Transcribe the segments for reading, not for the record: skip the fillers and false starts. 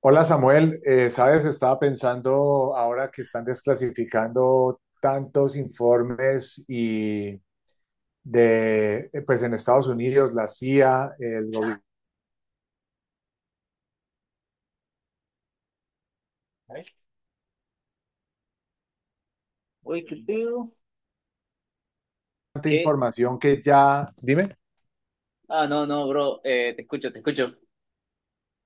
Hola, Samuel. Sabes, estaba pensando ahora que están desclasificando tantos informes y de, pues en Estados Unidos, la CIA, el gobierno, ¿Vale? Uy, qué pedo. tanta ¿Qué? información que ya, dime, Ah, no, no, bro. Te escucho, te escucho.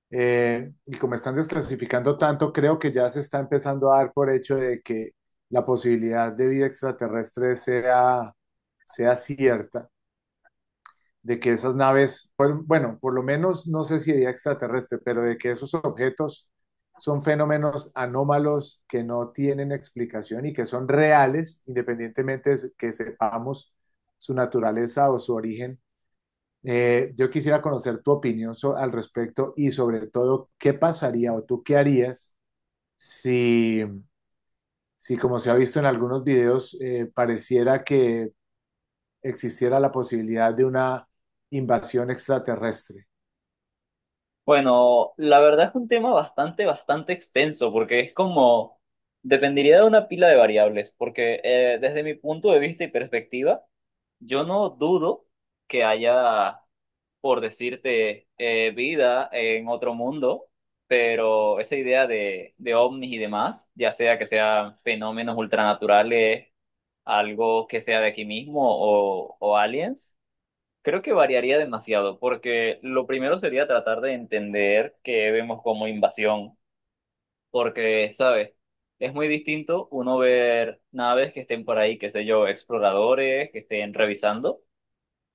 y como están desclasificando tanto, creo que ya se está empezando a dar por hecho de que la posibilidad de vida extraterrestre sea cierta. De que esas naves, bueno, por lo menos no sé si había extraterrestre, pero de que esos objetos son fenómenos anómalos que no tienen explicación y que son reales, independientemente de que sepamos su naturaleza o su origen. Yo quisiera conocer tu opinión al respecto y, sobre todo, ¿qué pasaría o tú qué harías si, si, como se ha visto en algunos videos, pareciera que existiera la posibilidad de una invasión extraterrestre? Bueno, la verdad es un tema bastante, bastante extenso, porque es como, dependería de una pila de variables, porque desde mi punto de vista y perspectiva, yo no dudo que haya por decirte, vida en otro mundo, pero esa idea de ovnis y demás, ya sea que sean fenómenos ultranaturales, algo que sea de aquí mismo o aliens, creo que variaría demasiado, porque lo primero sería tratar de entender que vemos como invasión, porque, ¿sabes? Es muy distinto uno ver naves que estén por ahí, qué sé yo, exploradores que estén revisando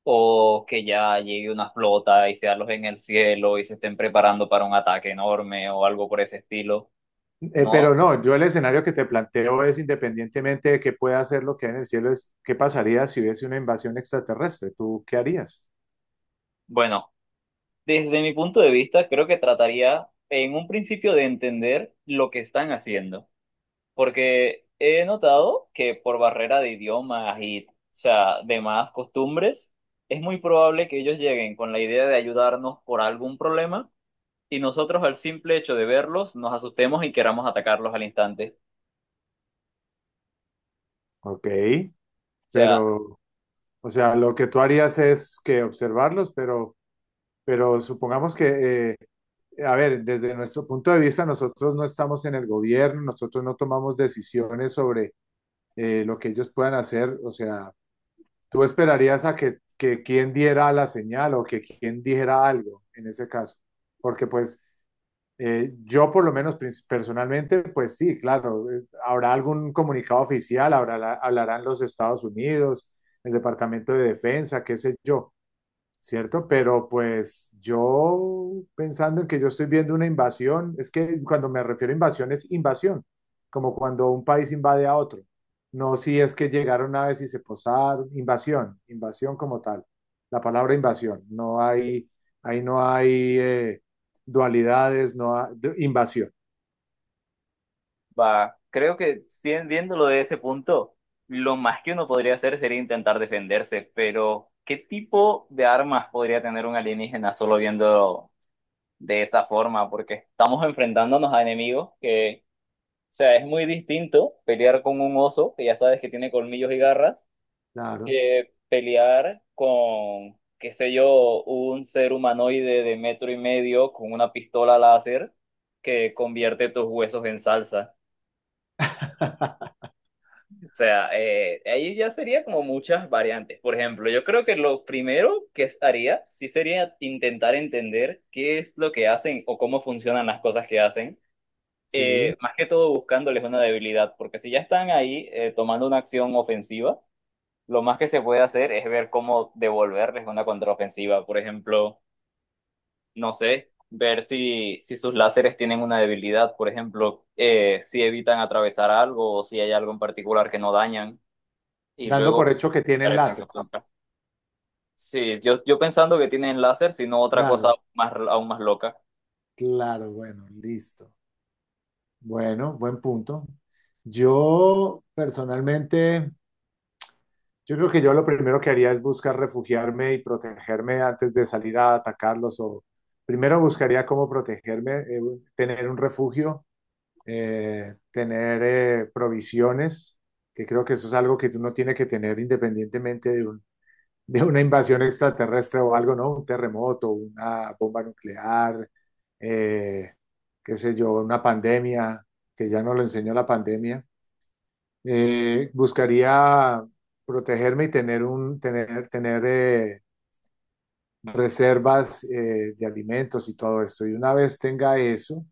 o que ya llegue una flota y sea los en el cielo y se estén preparando para un ataque enorme o algo por ese estilo, Pero ¿no? no, yo el escenario que te planteo es, independientemente de que pueda hacer lo que hay en el cielo, es qué pasaría si hubiese una invasión extraterrestre. ¿Tú qué harías? Bueno, desde mi punto de vista, creo que trataría en un principio de entender lo que están haciendo, porque he notado que por barrera de idiomas y, o sea, demás costumbres, es muy probable que ellos lleguen con la idea de ayudarnos por algún problema. Y nosotros al simple hecho de verlos nos asustemos y queramos atacarlos al instante. Ok, O sea, pero, o sea, lo que tú harías es que observarlos, pero supongamos que, a ver, desde nuestro punto de vista, nosotros no estamos en el gobierno, nosotros no tomamos decisiones sobre lo que ellos puedan hacer. O sea, tú esperarías a que quien diera la señal o que quien dijera algo en ese caso, porque pues yo por lo menos personalmente, pues sí, claro, habrá algún comunicado oficial, habrá, hablarán los Estados Unidos, el Departamento de Defensa, qué sé yo, ¿cierto? Pero pues yo, pensando en que yo estoy viendo una invasión, es que cuando me refiero a invasión es invasión, como cuando un país invade a otro. No si es que llegaron una vez y se posaron, invasión, invasión como tal, la palabra invasión, no hay, ahí no hay dualidades, no hay invasión, va, creo que viéndolo de ese punto, lo más que uno podría hacer sería intentar defenderse, pero ¿qué tipo de armas podría tener un alienígena solo viendo de esa forma? Porque estamos enfrentándonos a enemigos que, o sea, es muy distinto pelear con un oso, que ya sabes que tiene colmillos y garras, claro, que pelear con, qué sé yo, un ser humanoide de metro y medio con una pistola láser que convierte tus huesos en salsa. O sea, ahí ya sería como muchas variantes. Por ejemplo, yo creo que lo primero que haría sí sería intentar entender qué es lo que hacen o cómo funcionan las cosas que hacen. Sí, Más que todo buscándoles una debilidad, porque si ya están ahí tomando una acción ofensiva, lo más que se puede hacer es ver cómo devolverles una contraofensiva. Por ejemplo, no sé, ver si sus láseres tienen una debilidad, por ejemplo, si evitan atravesar algo o si hay algo en particular que no dañan y dando luego por hecho que tienen interesan su láseres, punto. Sí, yo pensando que tienen láser, sino otra claro, cosa más, aún más loca. claro, bueno, listo. Bueno, buen punto. Yo personalmente, yo creo que yo lo primero que haría es buscar refugiarme y protegerme antes de salir a atacarlos o primero buscaría cómo protegerme, tener un refugio, tener provisiones, que creo que eso es algo que uno tiene que tener independientemente de de una invasión extraterrestre o algo, ¿no? Un terremoto, una bomba nuclear, eh, qué sé yo, una pandemia, que ya nos lo enseñó la pandemia. Buscaría protegerme y tener reservas de alimentos y todo esto. Y una vez tenga eso,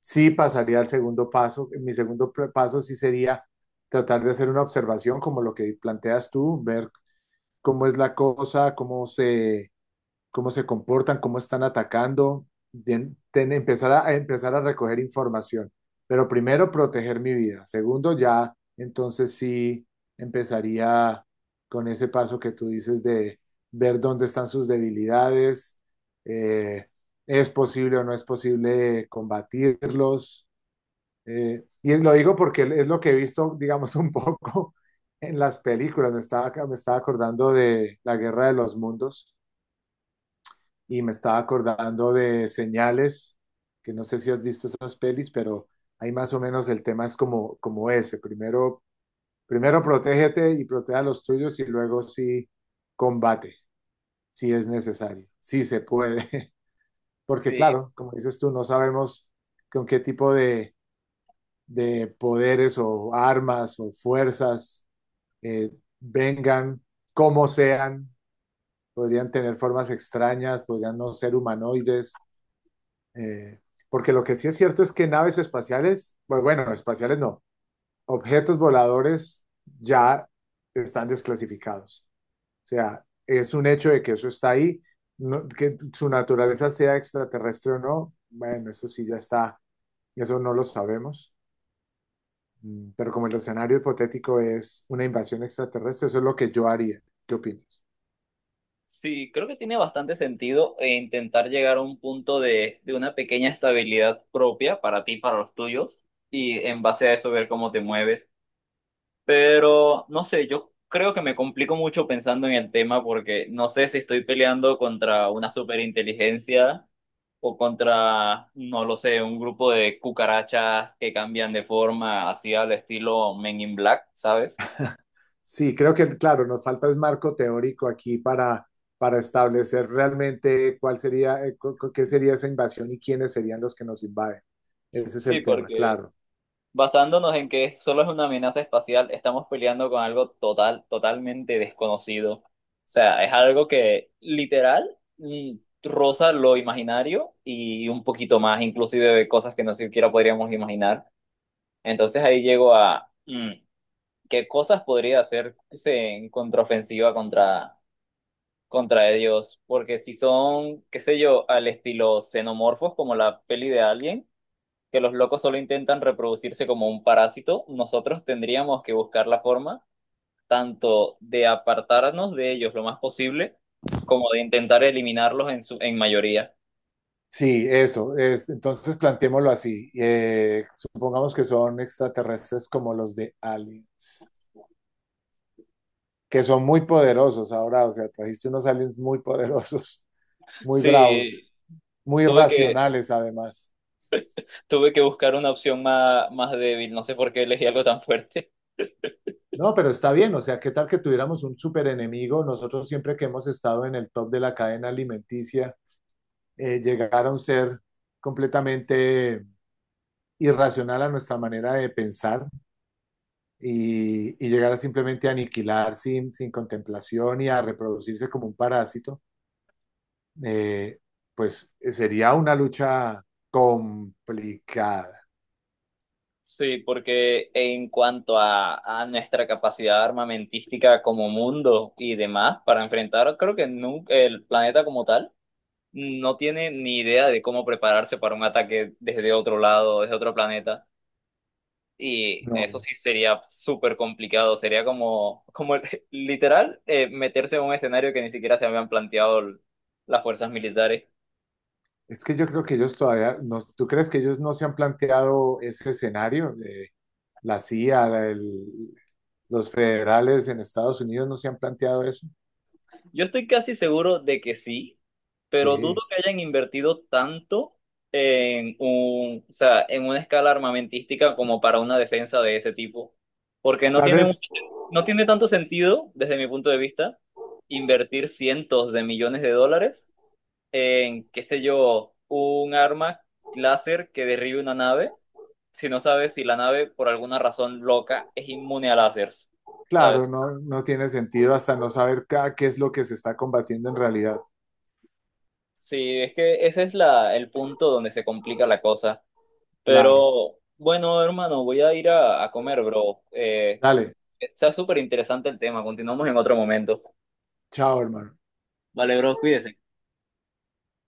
sí pasaría al segundo paso. Mi segundo paso sí sería tratar de hacer una observación como lo que planteas tú, ver cómo es la cosa, cómo se comportan, cómo están atacando, bien, empezar a empezar a recoger información. Pero primero, proteger mi vida. Segundo, ya entonces sí empezaría con ese paso que tú dices de ver dónde están sus debilidades, eh, es posible o no es posible combatirlos. Y lo digo porque es lo que he visto, digamos, un poco en las películas. Me estaba acordando de La Guerra de los Mundos y me estaba acordando de Señales, que no sé si has visto esas pelis, pero ahí más o menos el tema es como, como ese. Primero, primero protégete y protege a los tuyos y luego sí combate, si es necesario, si se puede. Porque Sí, claro, como dices tú, no sabemos con qué tipo de poderes o armas o fuerzas eh, vengan, cómo sean, podrían tener formas extrañas, podrían no ser humanoides. Eh, Porque lo que sí es cierto es que naves espaciales, pues bueno, espaciales no, objetos voladores ya están desclasificados. O sea, es un hecho de que eso está ahí, que su naturaleza sea extraterrestre o no, bueno, eso sí ya está, eso no lo sabemos. Mm, pero como el escenario hipotético es una invasión extraterrestre, eso es lo que yo haría. ¿Qué opinas? sí, creo que tiene bastante sentido intentar llegar a un punto de una pequeña estabilidad propia para ti, para los tuyos, y en base a eso ver cómo te mueves. Pero no sé, yo creo que me complico mucho pensando en el tema porque no sé si estoy peleando contra una superinteligencia o contra, no lo sé, un grupo de cucarachas que cambian de forma así al estilo Men in Black, ¿sabes? Sí, creo que, claro, nos falta es marco teórico aquí para establecer realmente cuál sería, qué sería esa invasión y quiénes serían los que nos invaden. Ese es Sí, el tema, porque claro. basándonos en que solo es una amenaza espacial, estamos peleando con algo total, totalmente desconocido. O sea, es algo que literal roza lo imaginario y un poquito más, inclusive de cosas que no siquiera podríamos imaginar. Entonces ahí llego a qué cosas podría hacerse en contraofensiva contra ellos. Porque si son, qué sé yo, al estilo xenomorfos, como la peli de Alien que los locos solo intentan reproducirse como un parásito, nosotros tendríamos que buscar la forma tanto de apartarnos de ellos lo más posible, como de intentar eliminarlos en su, en mayoría. Sí, eso. Es, entonces planteémoslo así. Supongamos que son extraterrestres como los de Aliens, que son muy poderosos ahora. O sea, trajiste unos aliens muy poderosos, muy bravos, Sí, muy tuve que, racionales además. tuve que buscar una opción más, más débil, no sé por qué elegí algo tan fuerte. No, pero está bien, o sea, ¿qué tal que tuviéramos un super enemigo? Nosotros siempre que hemos estado en el top de la cadena alimenticia, llegar a un ser completamente irracional a nuestra manera de pensar y llegar a simplemente aniquilar sin, sin contemplación y a reproducirse como un parásito, eh, sería una lucha complicada. Sí, porque en cuanto a nuestra capacidad armamentística como mundo y demás para enfrentar, creo que el planeta como tal, no tiene ni idea de cómo prepararse para un ataque desde otro lado, desde otro planeta. Y eso No, sí sería súper complicado, sería como literal meterse en un escenario que ni siquiera se habían planteado las fuerzas militares. es que yo creo que ellos todavía, no, ¿tú crees que ellos no se han planteado ese escenario? La CIA, los federales en Estados Unidos no se han planteado eso. Yo estoy casi seguro de que sí, pero dudo Sí, que hayan invertido tanto en un, o sea, en una escala armamentística como para una defensa de ese tipo, porque tal vez, no tiene tanto sentido, desde mi punto de vista, invertir cientos de millones de dólares en, qué sé yo, un arma láser que derribe una nave, si no sabes si la nave, por alguna razón loca, es inmune a láseres, claro, ¿sabes? no, no tiene sentido hasta no saber qué es lo que se está combatiendo en realidad. Sí, es que ese es la, el punto donde se complica la cosa. Claro. Pero bueno, hermano, voy a ir a comer, bro. Dale, Está súper interesante el tema. Continuamos en otro momento. chao, hermano. Vale, bro, cuídese.